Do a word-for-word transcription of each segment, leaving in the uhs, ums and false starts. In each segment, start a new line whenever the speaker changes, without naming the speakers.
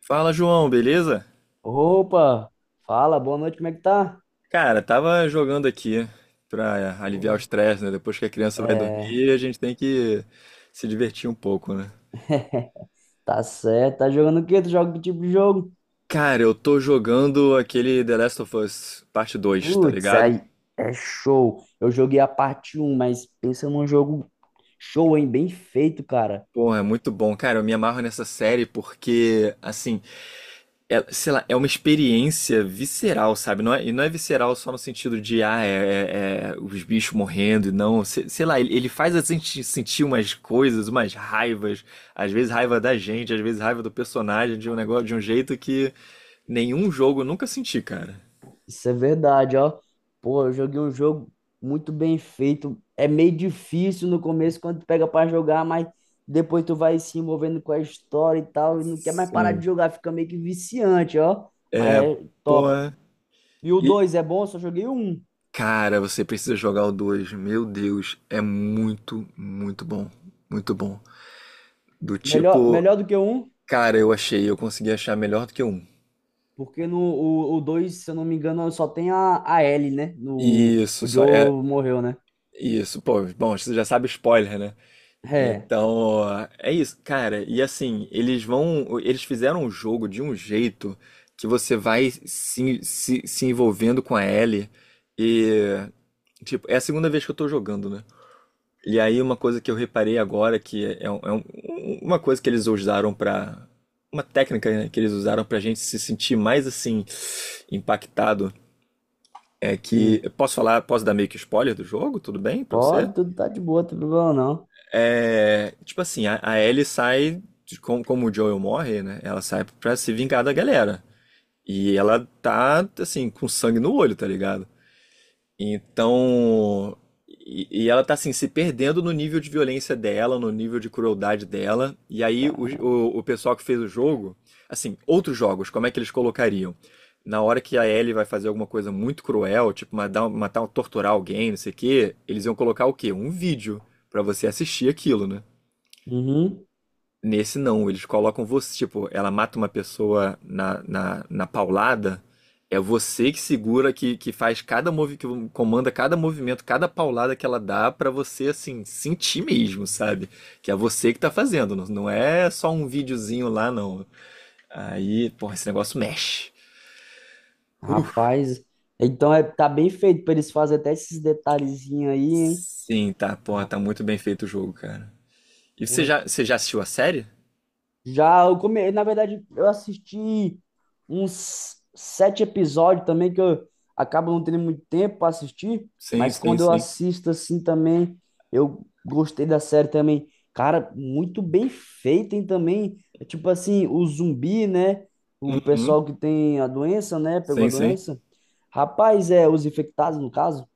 Fala, João, beleza?
Opa, fala, boa noite, como é que tá?
Cara, tava jogando aqui pra aliviar o
Porra.
estresse, né? Depois que a criança vai
É,
dormir, a gente tem que se divertir um pouco, né?
tá certo, tá jogando o quê? Tu joga que tipo de jogo?
Cara, eu tô jogando aquele The Last of Us Parte Dois, tá
Putz,
ligado?
aí é show. Eu joguei a parte um mas pensa num jogo show, hein? Bem feito, cara.
Porra, é muito bom. Cara, eu me amarro nessa série porque, assim, é, sei lá, é uma experiência visceral, sabe? Não é, e não é visceral só no sentido de, ah, é, é- é os bichos morrendo e não. se- Sei lá, ele, ele faz a gente sentir umas coisas, umas raivas, às vezes raiva da gente, às vezes raiva do personagem, de um negócio, de um jeito que nenhum jogo eu nunca senti, cara.
Isso é verdade, ó. Pô, eu joguei um jogo muito bem feito. É meio difícil no começo quando tu pega pra jogar, mas depois tu vai se envolvendo com a história e tal, e não quer mais parar
Sim.
de jogar, fica meio que viciante, ó. Mas é top.
Porra.
E o
E,
dois é bom, eu só joguei o um.
cara, você precisa jogar o dois. Meu Deus, é muito, muito bom. Muito bom. Do
Melhor,
tipo,
melhor do que o um,
cara, eu achei, eu consegui achar melhor do que o um.
porque no, o, o dois se eu não me engano, só tem a, a Ellie, né? No,
Isso,
o
só é
Joe morreu, né?
isso, pô. Bom, você já sabe spoiler, né?
É.
Então, é isso, cara. E assim, eles vão, eles fizeram o jogo de um jeito que você vai se, se, se envolvendo com a Ellie e tipo, é a segunda vez que eu tô jogando, né? E aí uma coisa que eu reparei agora que é, um- é um- uma coisa que eles usaram pra uma técnica, né, que eles usaram pra gente se sentir mais assim impactado é
Hum.
que. Posso falar, posso dar meio que spoiler do jogo? Tudo bem pra você?
Pode, tudo tá de boa, não tem problema não.
É. Tipo assim, a, a Ellie sai. de- Como, como o Joel morre, né? Ela sai pra se vingar da galera. E ela tá, assim, com sangue no olho, tá ligado? Então, e, e ela tá assim, se perdendo no nível de violência dela, no nível de crueldade dela. E aí o,
Cara.
o, o pessoal que fez o jogo, assim, outros jogos, como é que eles colocariam? Na hora que a Ellie vai fazer alguma coisa muito cruel, tipo matar, matar torturar alguém, não sei o quê, eles iam colocar o quê? Um vídeo pra você assistir aquilo, né?
Uhum.
Nesse não, eles colocam você, tipo, ela mata uma pessoa na, na, na paulada, é você que segura, que, que faz cada movimento, que comanda cada movimento, cada paulada que ela dá pra você, assim, sentir mesmo, sabe? Que é você que tá fazendo, não, não é só um videozinho lá, não. Aí, porra, esse negócio mexe. Uh,
Rapaz. Então é, tá bem feito pra eles fazerem até esses detalhezinhos aí, hein?
sim, tá, porra,
Ah,
tá muito bem feito o jogo, cara. E você
porra,
já, você já assistiu a série?
Já eu come... na verdade, eu assisti uns sete episódios também que eu acabo não tendo muito tempo para assistir,
Sim,
mas
sim,
quando eu
sim.
assisto assim também, eu gostei da série também. Cara, muito bem feita, hein, também. É tipo assim, o zumbi, né? O
Uhum.
pessoal que tem a doença, né? Pegou a
Sim, sim.
doença. Rapaz, é, os infectados, no caso.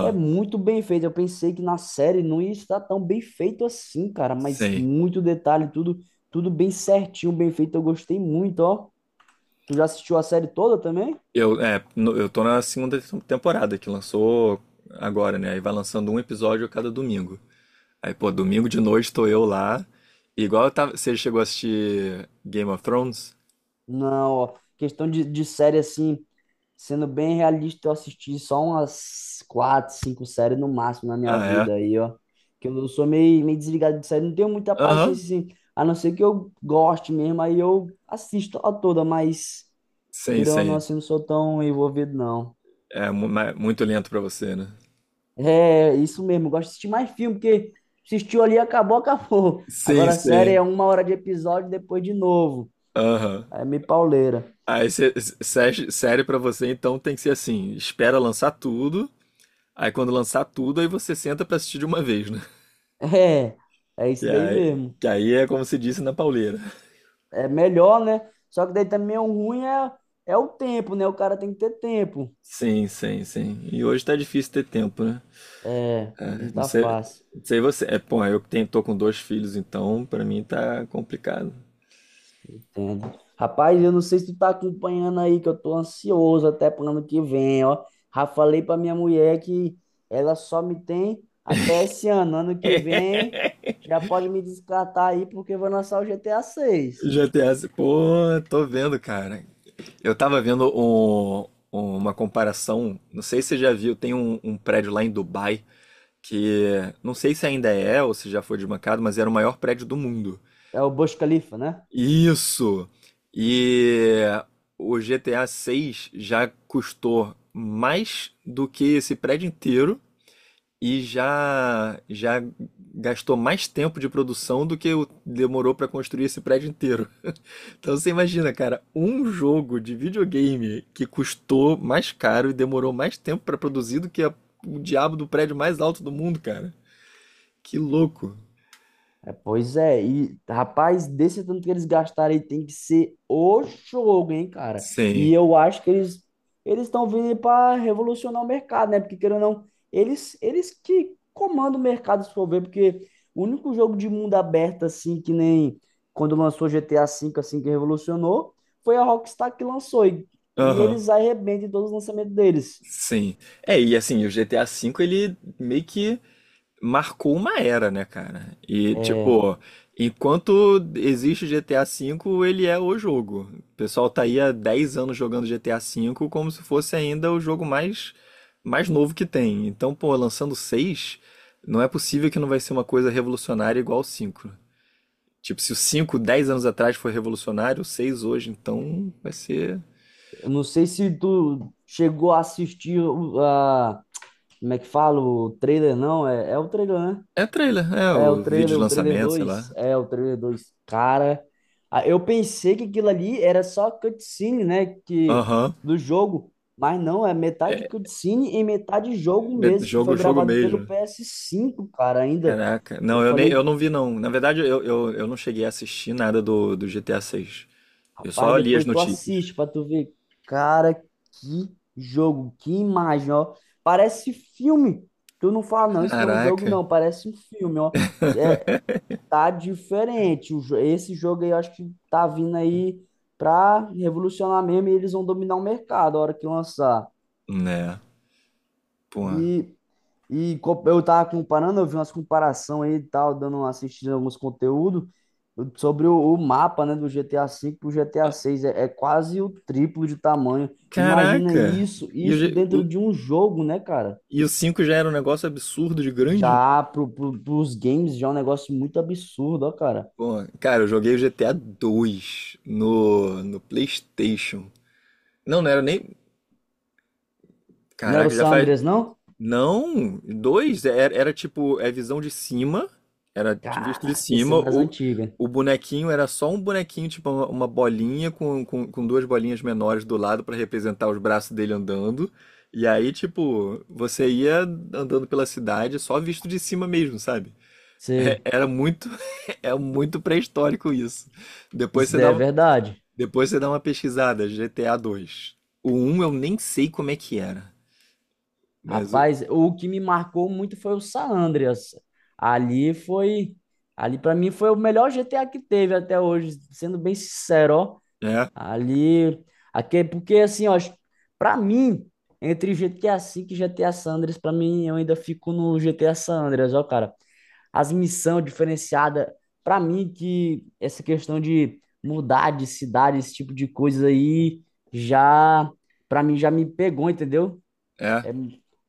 É muito bem feito. Eu pensei que na série não ia estar tão bem feito assim, cara, mas
Sim.
muito detalhe, tudo, tudo bem certinho, bem feito. Eu gostei muito, ó. Tu já assistiu a série toda também?
Eu, é, no- Eu tô na segunda te- temporada que lançou agora, né? Aí vai lançando um episódio a cada domingo. Aí, pô, domingo de noite tô eu lá. Igual eu tava, você chegou a assistir Game of Thrones?
Não, ó. Questão de, de série assim, sendo bem realista, eu assisti só umas quatro, cinco séries no máximo na minha
Ah, é?
vida aí, ó. Que eu sou meio, meio desligado de série, não tenho muita
Aham.
paciência assim. A não ser que eu goste mesmo, aí eu assisto a toda, mas
Sim,
querendo ou não,
sim.
assim, não sou tão envolvido, não.
É mu- ma- muito lento pra você, né?
É, isso mesmo. Eu gosto de assistir mais filme, porque assistiu ali, acabou, acabou.
Sim,
Agora a série
sim.
é uma hora de episódio, depois de novo.
Aham.
É meio pauleira.
Aí, cê- sé- série pra você, então tem que ser assim, espera lançar tudo, aí quando lançar tudo, aí você senta pra assistir de uma vez, né?
É, é isso
Que
daí
aí,
mesmo.
que aí é como se disse na pauleira.
É melhor, né? Só que daí também o ruim é, é o tempo, né? O cara tem que ter tempo.
Sim, sim, sim. E hoje tá difícil ter tempo, né?
É,
É,
não
não
tá
sei,
fácil.
não sei você. É, pô, eu que tenho, tô com dois filhos, então pra mim tá complicado.
Entendo. Rapaz, eu não sei se tu tá acompanhando aí, que eu tô ansioso até pro ano que vem, ó. Já falei pra minha mulher que ela só me tem até esse ano. Ano que vem já pode me descartar aí, porque vou lançar o G T A seis.
G T A, se- pô, tô vendo, cara. Eu tava vendo um- uma comparação, não sei se você já viu, tem um, um prédio lá em Dubai que não sei se ainda é ou se já foi desbancado, mas era o maior prédio do mundo.
É o Burj Khalifa, né?
Isso! E o G T A seis já custou mais do que esse prédio inteiro e já já gastou mais tempo de produção do que o- demorou para construir esse prédio inteiro. Então você imagina, cara, um jogo de videogame que custou mais caro e demorou mais tempo para produzir do que a- o diabo do prédio mais alto do mundo, cara. Que louco.
É, pois é, e rapaz, desse tanto que eles gastaram aí tem que ser o jogo, hein, cara? E
Sim.
eu acho que eles eles estão vindo para revolucionar o mercado, né? Porque querendo ou não, eles eles que comandam o mercado, se for ver, porque o único jogo de mundo aberto assim que nem quando lançou G T A cinco assim que revolucionou, foi a Rockstar que lançou e, e
Aham.
eles arrebentam em todos os lançamentos deles.
Sim. É, e assim, o G T A V ele meio que marcou uma era, né, cara? E,
É,
tipo, enquanto existe o G T A V, ele é o jogo. O pessoal tá aí há dez anos jogando G T A V como se fosse ainda o jogo mais, mais novo que tem. Então, pô, lançando o seis, não é possível que não vai ser uma coisa revolucionária igual o cinco. Tipo, se o cinco dez anos atrás foi revolucionário, o seis hoje, então vai ser.
eu não sei se tu chegou a assistir o- a como é que falo trailer não? É, é o trailer, né?
É trailer, é
É o
o vídeo
trailer,
de
o trailer
lançamento, sei
dois.
lá.
É o trailer dois. Cara, ah, eu pensei que aquilo ali era só cutscene, né? Que,
Aham.
do jogo. Mas não, é metade cutscene e metade jogo
É
mesmo, que foi
jogo, jogo
gravado pelo
mesmo.
ps cinco, cara, ainda.
Caraca.
Eu
Não, eu, nem,
falei,
eu não vi, não. Na verdade, eu, eu, eu não cheguei a assistir nada do, do G T A seis. Eu
rapaz,
só li as
depois tu
notícias.
assiste pra tu ver. Cara, que jogo, que imagem, ó. Parece filme. Tu não fala, não, isso não é um jogo,
Caraca.
não. Parece um filme, ó. É, tá diferente. O jo- Esse jogo aí eu acho que tá vindo aí pra revolucionar mesmo e eles vão dominar o mercado a hora que lançar.
Né. Pô.
E, e co- eu tava comparando, eu vi umas comparação aí e tal, dando uma assistida em alguns conteúdos sobre o, o mapa, né, do G T A cinco pro G T A seis. É, é quase o triplo de tamanho. Imagina
Caraca.
isso,
E o,
isso
G- o,
dentro de um jogo, né, cara?
e o cinco já era um negócio absurdo de grande, né?
Já pro, pro, pros games já é um negócio muito absurdo, ó, cara.
Pô, cara, eu joguei o G T A dois no, no PlayStation. Não, não era nem.
Não era o
Caraca, já
San
faz.
Andreas, não?
Não, dois, era, era tipo, é visão de cima, era de- visto de
Caraca, esse é
cima,
das
o,
antigas.
o bonequinho era só um bonequinho, tipo uma, uma bolinha com, com, com duas bolinhas menores do lado pra representar os braços dele andando, e aí, tipo, você ia andando pela cidade só visto de cima mesmo, sabe? É-
Sei.
era muito, é muito pré-histórico isso. Depois
Isso
você
daí é
dá,
verdade.
depois você dá uma pesquisada, G T A dois. O um eu nem sei como é que era, mas o-
Rapaz, o que me marcou muito foi o San Andreas. Ali foi. Ali pra mim foi o melhor G T A que teve até hoje, sendo bem sincero, ó.
é,
Ali. Aqui, porque assim, ó, pra mim, entre G T A cinco e G T A San Andreas, pra mim eu ainda fico no G T A San Andreas, ó, cara. As missão diferenciada. Para mim, que essa questão de mudar de cidade, esse tipo de coisa aí, já, para mim, já me pegou, entendeu?
é.
É,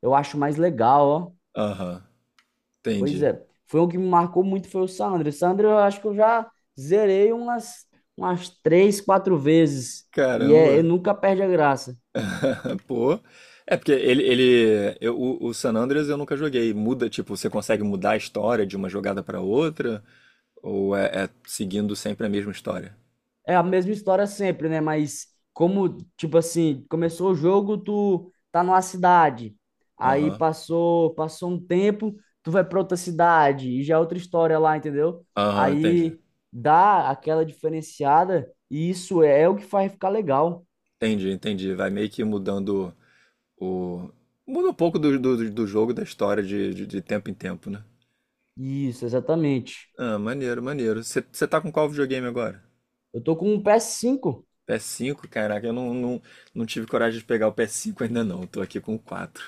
eu acho mais legal, ó.
Aham,
Pois
entendi.
é. Foi um que me marcou muito, foi o Sandro. Sandro, eu acho que eu já zerei umas, umas três, quatro vezes. E é, eu
Caramba.
nunca perde a graça.
Pô. É porque ele, ele eu- o, o San Andreas eu nunca joguei. Muda, tipo, você consegue mudar a história de uma jogada pra outra? Ou é, é seguindo sempre a mesma história?
É a mesma história sempre, né? Mas como, tipo assim, começou o jogo, tu tá numa cidade. Aí
Aham.
passou, passou um tempo, tu vai pra outra cidade e já é outra história lá, entendeu?
Aham, entendi.
Aí dá aquela diferenciada e isso é o que faz ficar legal.
Entendi, entendi. Vai meio que mudando o. Muda um pouco do, do, do jogo, da história de, de, de tempo em tempo, né?
Isso, exatamente.
Ah, maneiro, maneiro. Você tá com qual videogame agora?
Eu tô com um ps cinco.
P PS5? Caraca, eu não, não, não tive coragem de pegar o P S cinco ainda não. Tô aqui com o quatro.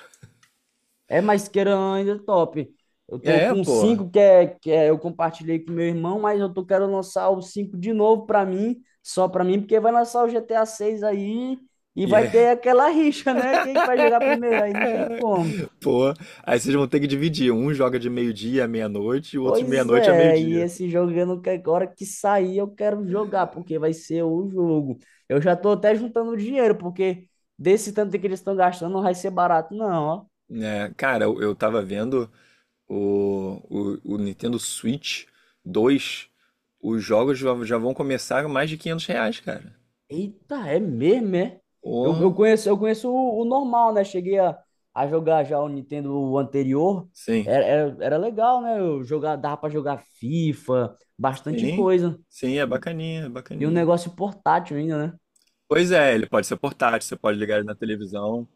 É, mais queira ainda é top. Eu tô
É,
com
pô.
cinco que é, que é, eu compartilhei com meu irmão, mas eu tô querendo lançar o cinco de novo pra mim, só pra mim, porque vai lançar o G T A seis aí e
E
vai
é,
ter aquela rixa, né? Quem que vai jogar primeiro? Aí não tem como.
pô. Aí vocês vão ter que dividir. Um joga de meio-dia à meia-noite e o outro de
Pois
meia-noite a
é, e
meio-dia.
esse jogo eu não quero, agora que sair eu quero jogar, porque vai ser o jogo. Eu já tô até juntando dinheiro, porque desse tanto que eles estão gastando não vai ser barato, não, ó.
É, cara, eu, eu tava vendo o, o, o Nintendo Switch dois. Os jogos já, já vão começar a mais de quinhentos reais, cara.
Eita, é mesmo, é? Eu, eu
Oh,
conheço, eu conheço o, o normal, né? Cheguei a, a jogar já o Nintendo anterior.
sim.
Era, era, era legal, né? Eu jogar, dava pra jogar FIFA, bastante
Sim.
coisa.
Sim, é bacaninha, é
E um
bacaninha.
negócio portátil ainda, né?
Pois é, ele pode ser portátil, você pode ligar ele na televisão.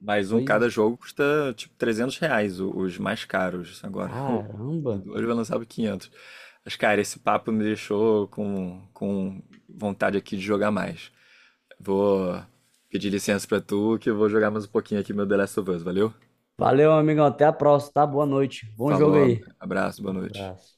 Mas um
Pois, é.
cada jogo custa tipo trezentos reais, o- os mais caros. Agora o do
Caramba.
dois vai lançar por quinhentos. Mas, cara, esse papo me deixou com, com vontade aqui de jogar mais. Vou pedir licença pra tu que eu vou jogar mais um pouquinho aqui meu The Last of Us, valeu?
Valeu, amigão. Até a próxima, tá? Boa noite. Bom jogo
Falou, ab-
aí.
abraço, boa
Um
noite.
abraço.